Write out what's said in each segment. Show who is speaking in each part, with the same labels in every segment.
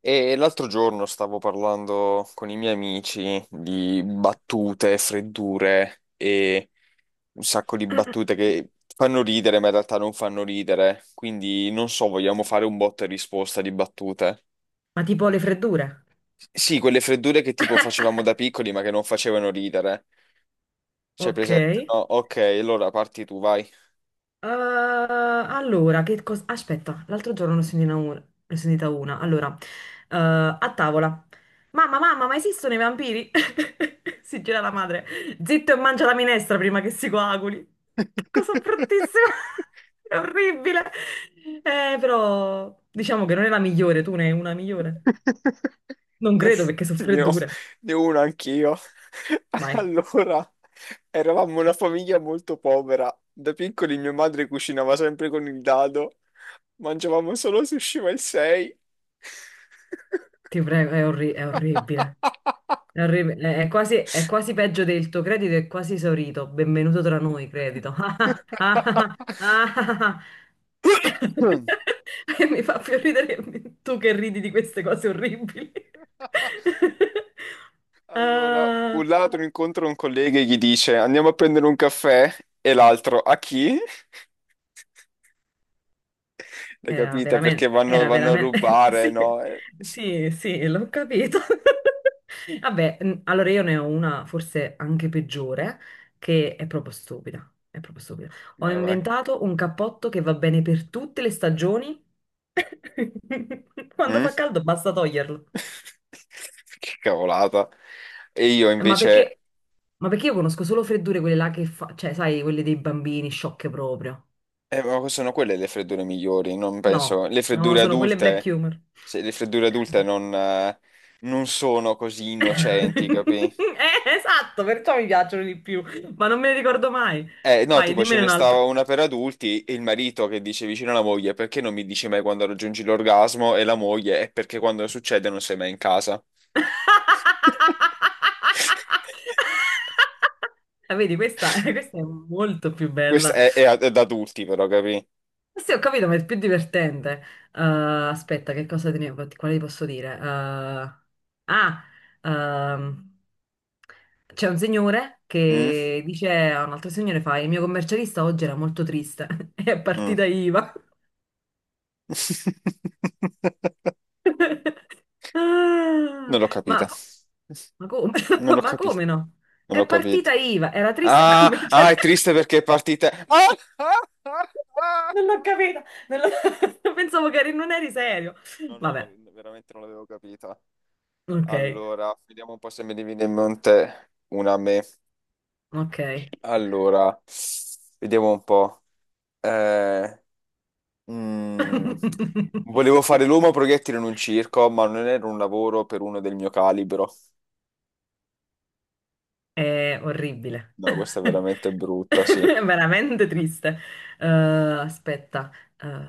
Speaker 1: E l'altro giorno stavo parlando con i miei amici di battute, freddure e un sacco di battute che fanno ridere, ma in realtà non fanno ridere. Quindi non so, vogliamo fare un botta e risposta di battute.
Speaker 2: Ma tipo le freddure?
Speaker 1: Sì, quelle freddure che tipo facevamo da piccoli, ma che non facevano ridere. C'è
Speaker 2: Ok.
Speaker 1: presente? No, ok, allora parti tu, vai.
Speaker 2: Allora, che cosa... Aspetta, l'altro giorno ne ho sentita una. Ne ho sentita una. Allora, a tavola. Mamma, mamma, ma esistono i vampiri? Si gira la madre. Zitto e mangia la minestra prima che si coaguli. Che cosa bruttissima. È orribile. Però, diciamo che non è la migliore. Tu ne hai una migliore? Non
Speaker 1: Ne,
Speaker 2: credo perché sono
Speaker 1: ne ho,
Speaker 2: freddure.
Speaker 1: ne ho uno anch'io.
Speaker 2: Mai.
Speaker 1: Allora, eravamo una famiglia molto povera. Da piccoli mia madre cucinava sempre con il dado. Mangiavamo solo sushi ma il 6.
Speaker 2: Ti prego, è orribile. È quasi, è quasi peggio del tuo credito, è quasi esaurito. Benvenuto tra noi, credito. Ah, ah, ah, ah, ah. E mi fa più ridere tu che ridi di queste cose orribili.
Speaker 1: Allora,
Speaker 2: Ah.
Speaker 1: un ladro incontra un collega e gli dice andiamo a prendere un caffè e l'altro a chi? L'hai capita? Perché vanno,
Speaker 2: Era
Speaker 1: vanno a
Speaker 2: veramente,
Speaker 1: rubare,
Speaker 2: sì,
Speaker 1: no? E-
Speaker 2: sì, sì, l'ho capito. Vabbè, allora io ne ho una forse anche peggiore, che è proprio stupida, è proprio stupida. Ho
Speaker 1: Vai, vai.
Speaker 2: inventato un cappotto che va bene per tutte le stagioni. Quando
Speaker 1: Mm?
Speaker 2: fa caldo basta toglierlo.
Speaker 1: Che cavolata. E io
Speaker 2: Eh, Ma
Speaker 1: invece...
Speaker 2: perché, ma perché io conosco solo freddure quelle là che fa, cioè, sai, quelle dei bambini sciocche proprio.
Speaker 1: ma sono quelle le freddure migliori, non penso...
Speaker 2: No,
Speaker 1: Le
Speaker 2: no,
Speaker 1: freddure
Speaker 2: sono quelle black
Speaker 1: adulte...
Speaker 2: humor.
Speaker 1: se le freddure adulte non, non sono così innocenti, capi?
Speaker 2: Esatto, perciò mi piacciono di più, ma non me ne ricordo mai.
Speaker 1: No,
Speaker 2: Vai,
Speaker 1: tipo ce
Speaker 2: dimmene
Speaker 1: ne stava
Speaker 2: un'altra.
Speaker 1: una per adulti e il marito che dice vicino alla moglie perché non mi dici mai quando raggiungi l'orgasmo e la moglie è perché quando succede non sei mai in casa.
Speaker 2: Ah, vedi, questa, questa è molto più
Speaker 1: Questo
Speaker 2: bella.
Speaker 1: è, è ad adulti, però, capì?
Speaker 2: Sì, ho capito, ma è più divertente. Aspetta, che cosa te ne, quale ti posso dire? Ah, ehm, C'è un signore
Speaker 1: Mm?
Speaker 2: che dice a un altro signore, fa, il mio commercialista oggi era molto triste, è
Speaker 1: Mm.
Speaker 2: partita IVA. Ah,
Speaker 1: Non l'ho capita.
Speaker 2: ma, ma come?
Speaker 1: Non l'ho
Speaker 2: Ma
Speaker 1: capita.
Speaker 2: come no?
Speaker 1: Non l'ho
Speaker 2: È
Speaker 1: capita.
Speaker 2: partita IVA, era triste il
Speaker 1: Ah, ah,
Speaker 2: commerciale.
Speaker 1: è triste perché è partita. Ah, ah, ah,
Speaker 2: Non l'ho
Speaker 1: ah.
Speaker 2: capita, non l'ho- pensavo non eri serio.
Speaker 1: No, no,
Speaker 2: Vabbè,
Speaker 1: la- veramente non l'avevo capita.
Speaker 2: ok,
Speaker 1: Allora, vediamo un po' se mi viene in mente una a me.
Speaker 2: ok.
Speaker 1: Allora, vediamo un po'. Eh, mm, volevo fare l'uomo proiettile in un circo, ma non era un lavoro per uno del mio calibro.
Speaker 2: È orribile.
Speaker 1: No, questa è veramente
Speaker 2: È
Speaker 1: brutta, sì.
Speaker 2: veramente triste. Aspetta. eh,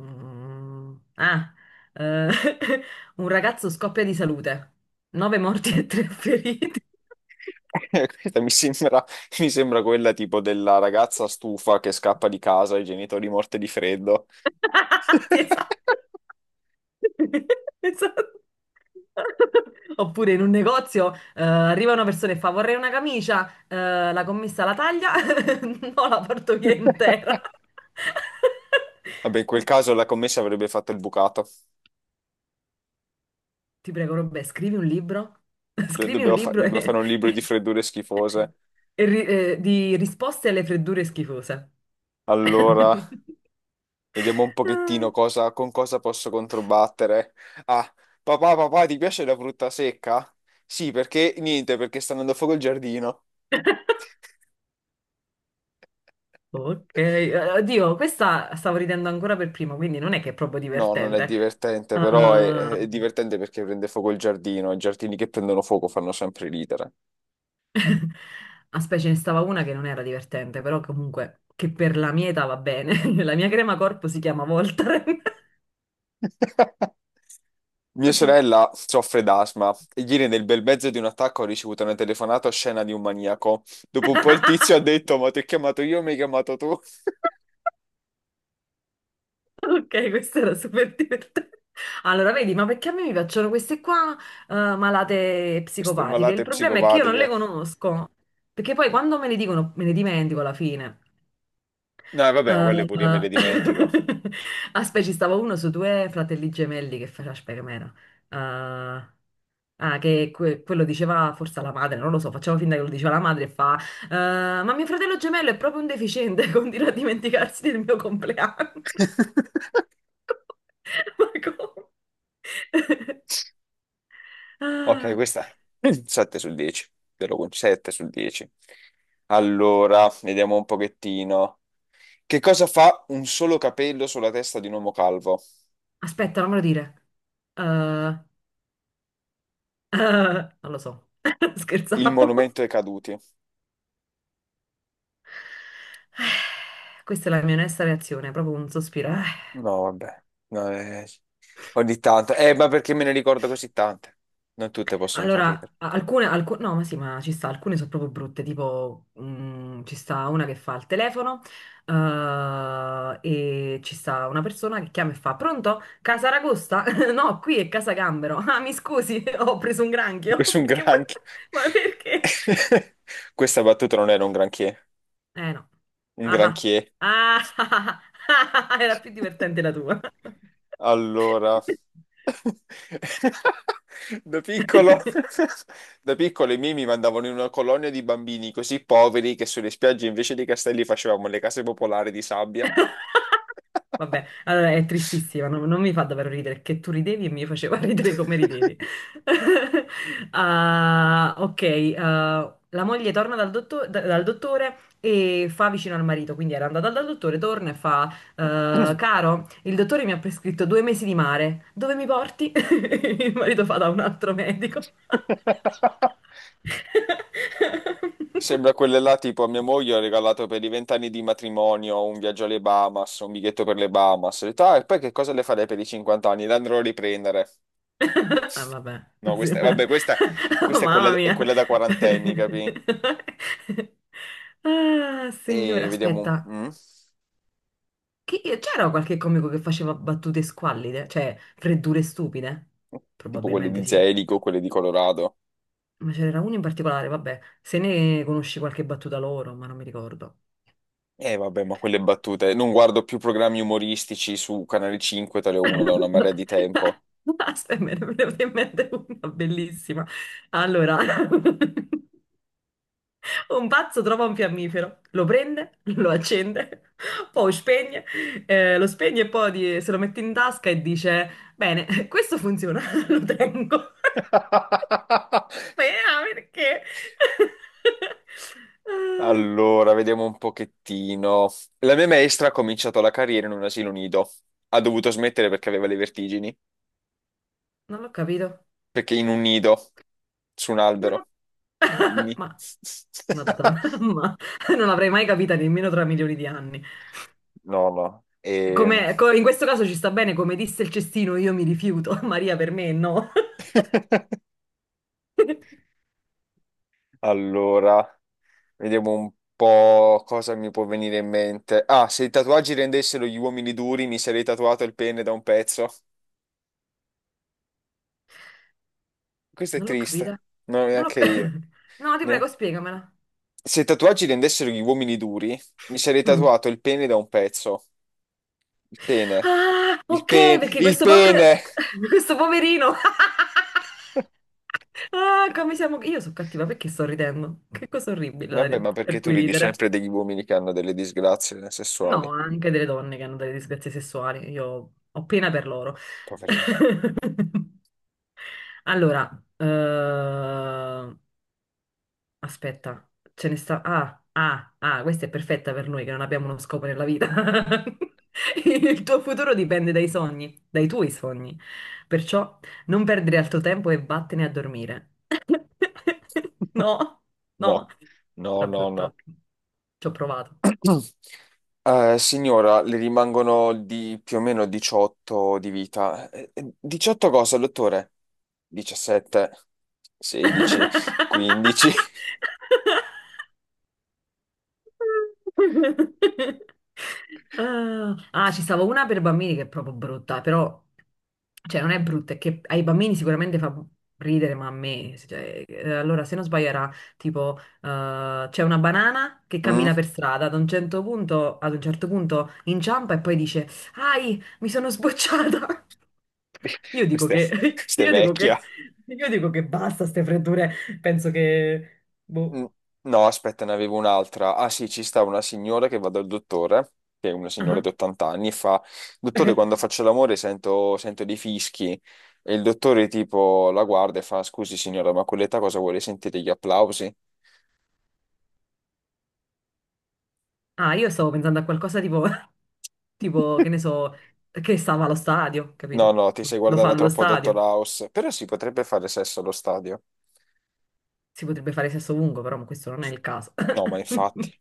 Speaker 2: mm, ah, eh, un ragazzo scoppia di salute. Nove morti e tre feriti.
Speaker 1: Questa mi sembra, mi sembra quella tipo della ragazza stufa che scappa di casa, i genitori morti di freddo.
Speaker 2: Sì, esatto. Esatto. Oppure in un negozio arriva una persona e fa vorrei una camicia, la commessa la taglia, no, la porto via intera.
Speaker 1: Vabbè, in quel caso la commessa avrebbe fatto il bucato.
Speaker 2: Ti prego, Robè, scrivi un libro, scrivi un libro
Speaker 1: Dobbiamo fare un libro di freddure schifose.
Speaker 2: di risposte alle freddure schifose.
Speaker 1: Allora, vediamo un pochettino
Speaker 2: Ah.
Speaker 1: cosa- con cosa posso controbattere. Ah, papà, papà, ti piace la frutta secca? Sì, perché niente, perché sta andando a fuoco il giardino.
Speaker 2: Ok, oddio, questa stavo ridendo ancora per primo, quindi non è che è proprio
Speaker 1: No, non è
Speaker 2: divertente.
Speaker 1: divertente, è
Speaker 2: Ehm,
Speaker 1: divertente perché prende fuoco il giardino. I giardini che prendono fuoco fanno sempre ridere.
Speaker 2: Ah, Aspetta, ce ne stava una che non era divertente, però comunque che per la mia età va bene. La mia crema corpo si chiama Voltaren.
Speaker 1: Mia
Speaker 2: Così.
Speaker 1: sorella soffre d'asma e ieri nel bel mezzo di un attacco ho ricevuto una telefonata oscena di un maniaco. Dopo un po' il tizio ha detto, ma ti ho chiamato io, mi hai chiamato tu.
Speaker 2: Ok, questa era super divertente. Allora, vedi, ma perché a me mi piacciono queste qua, malate
Speaker 1: Queste
Speaker 2: psicopatiche? Il
Speaker 1: malate
Speaker 2: problema è che io non le
Speaker 1: psicopatiche.
Speaker 2: conosco, perché poi quando me le dicono me ne dimentico alla fine.
Speaker 1: No, vabbè, ma quelle pure io me le
Speaker 2: Ah,
Speaker 1: dimentico.
Speaker 2: aspetta, ci stava uno su due fratelli gemelli che faceva, aspetta, com'era? Ah, che quello diceva forse alla madre, non lo so, facciamo finta che lo diceva la madre e fa, "Ah, ma mio fratello gemello è proprio un deficiente, continua a dimenticarsi del mio compleanno. Ma come?
Speaker 1: Ok,
Speaker 2: Ah.
Speaker 1: questa 7 su 10, te lo concedo 7 su 10. Allora, vediamo un pochettino. Che cosa fa un solo capello sulla testa di un uomo calvo?
Speaker 2: Aspetta, non me lo dire. Ah, non lo so,
Speaker 1: Il
Speaker 2: scherzavo.
Speaker 1: monumento ai caduti.
Speaker 2: Questa è la mia onesta reazione, proprio un sospiro.
Speaker 1: No, vabbè. No, ogni tanto. Ma perché me ne ricordo così tante? Non tutte possono far ridere.
Speaker 2: Allora, no, ma sì, ma ci sta, alcune sono proprio brutte, tipo ci sta una che fa il telefono eh, e ci sta una persona che chiama e fa, pronto? Casa Ragosta? No, qui è Casa Gambero. Ah, mi scusi, ho preso un granchio.
Speaker 1: Questo è un granchio.
Speaker 2: Ma perché?
Speaker 1: Questa battuta non era un granché,
Speaker 2: Eh no.
Speaker 1: un
Speaker 2: Ah,
Speaker 1: granché.
Speaker 2: ah, ah, ah, ah, ah, era più divertente la tua.
Speaker 1: Allora, da piccolo, da piccolo i miei mi mandavano in una colonia di bambini così poveri che sulle spiagge invece dei castelli facevamo le case popolari di sabbia.
Speaker 2: Vabbè, allora è tristissima, non mi fa davvero ridere, che tu ridevi e mi faceva ridere come ridevi. Ah, ok, ah, la moglie torna dal dottore e fa vicino al marito, quindi era andata dal dottore, torna e fa, caro, il dottore mi ha prescritto due mesi di mare, dove mi porti? Il marito fa da un altro medico.
Speaker 1: Sembra quelle là, tipo a mia moglie ho regalato per i vent'anni di matrimonio un viaggio alle Bahamas, un biglietto per le Bahamas. Ho detto, "Ah, e poi che cosa le farei per i 50 anni? Le andrò a riprendere."
Speaker 2: Ah, vabbè,
Speaker 1: No,
Speaker 2: sì,
Speaker 1: questa,
Speaker 2: ma-
Speaker 1: vabbè, questa,
Speaker 2: oh,
Speaker 1: questa
Speaker 2: mamma
Speaker 1: è
Speaker 2: mia.
Speaker 1: quella da quarantenni, capi?
Speaker 2: Ah, signore,
Speaker 1: E vediamo,
Speaker 2: aspetta,
Speaker 1: mm?
Speaker 2: C'era qualche comico che faceva battute squallide, cioè freddure stupide?
Speaker 1: Tipo quelle
Speaker 2: Probabilmente
Speaker 1: di
Speaker 2: sì.
Speaker 1: Zelico, quelle di Colorado.
Speaker 2: Ma ce n'era uno in particolare, vabbè, se ne conosci qualche battuta loro, ma non mi ricordo.
Speaker 1: E vabbè, ma quelle battute. Non guardo più programmi umoristici su Canale 5, tale uno da una marea di tempo.
Speaker 2: Aspetta, me ne è venuta in mente una bellissima. Allora, un pazzo trova un fiammifero, lo prende, lo accende, poi spegne, lo spegne e poi se lo mette in tasca e dice: bene, questo funziona, lo tengo. Beh, ah, perché? Ah,
Speaker 1: Allora, vediamo un pochettino. La mia maestra ha cominciato la carriera in un asilo nido. Ha dovuto smettere perché aveva le vertigini.
Speaker 2: non l'ho capito.
Speaker 1: Perché in un nido, su un
Speaker 2: Non ho-
Speaker 1: albero. Quindi...
Speaker 2: ma, madonna, ma non l'avrei mai capita nemmeno tra milioni di anni.
Speaker 1: No, no. E...
Speaker 2: In questo caso ci sta bene, come disse il cestino, io mi rifiuto. Maria, per me no.
Speaker 1: Allora, vediamo un po' cosa mi può venire in mente. Ah, se i tatuaggi rendessero gli uomini duri, mi sarei tatuato il pene da un pezzo. Questo è
Speaker 2: Non l'ho
Speaker 1: triste.
Speaker 2: capita.
Speaker 1: No,
Speaker 2: Non l'ho...
Speaker 1: neanche
Speaker 2: ca-
Speaker 1: io.
Speaker 2: no, ti prego,
Speaker 1: Ne-
Speaker 2: spiegamela.
Speaker 1: Se i tatuaggi rendessero gli uomini duri, mi sarei
Speaker 2: Mm.
Speaker 1: tatuato il pene da un pezzo. Il pene.
Speaker 2: Ah,
Speaker 1: Il
Speaker 2: ok,
Speaker 1: pene.
Speaker 2: perché
Speaker 1: Il
Speaker 2: questo povero...
Speaker 1: pene!
Speaker 2: questo poverino... Ah, come siamo... Io sono cattiva perché sto ridendo. Che cosa orribile,
Speaker 1: Vabbè,
Speaker 2: Dario,
Speaker 1: ma perché
Speaker 2: per
Speaker 1: tu
Speaker 2: cui
Speaker 1: ridi
Speaker 2: ridere.
Speaker 1: sempre degli uomini che hanno delle disgrazie sessuali?
Speaker 2: No, anche delle donne che hanno delle disgrazie sessuali. Io ho pena per loro.
Speaker 1: Poverino.
Speaker 2: Allora, eh, aspetta, ce ne sta. Questa è perfetta per noi che non abbiamo uno scopo nella vita. Il tuo futuro dipende dai sogni, dai tuoi sogni. Perciò non perdere altro tempo e vattene a dormire. No,
Speaker 1: No,
Speaker 2: no.
Speaker 1: no,
Speaker 2: Era
Speaker 1: no, no.
Speaker 2: brutto. Ci ho provato.
Speaker 1: Signora, le rimangono di più o meno 18 di vita. 18 cosa, dottore? 17, 16, 15.
Speaker 2: Ci stavo una per bambini che è proprio brutta, però, cioè, non è brutta, è che ai bambini sicuramente fa ridere, ma a me, cioè, allora, se non sbaglio era tipo, c'è una banana che
Speaker 1: Mm?
Speaker 2: cammina per strada, ad un certo punto inciampa e poi dice, ai, mi sono sbocciata. Io dico
Speaker 1: Questa è,
Speaker 2: che,
Speaker 1: questa è vecchia.
Speaker 2: io dico che basta ste freddure, penso che, boh.
Speaker 1: Mm. No, aspetta, ne avevo un'altra. Ah sì, ci sta una signora che va dal dottore, che è una signora di 80 anni, e fa, dottore, quando faccio l'amore sento dei fischi. E il dottore tipo la guarda e fa, scusi signora, ma a quell'età cosa vuole sentire gli applausi?
Speaker 2: Ah, io stavo pensando a qualcosa tipo, tipo, che ne so, che stava allo stadio,
Speaker 1: No,
Speaker 2: capito?
Speaker 1: no, ti sei
Speaker 2: Lo fa
Speaker 1: guardata
Speaker 2: allo
Speaker 1: troppo a Dottor
Speaker 2: stadio.
Speaker 1: House, però si potrebbe fare sesso allo stadio.
Speaker 2: Si potrebbe fare sesso lungo, però questo non è il caso.
Speaker 1: No, ma infatti.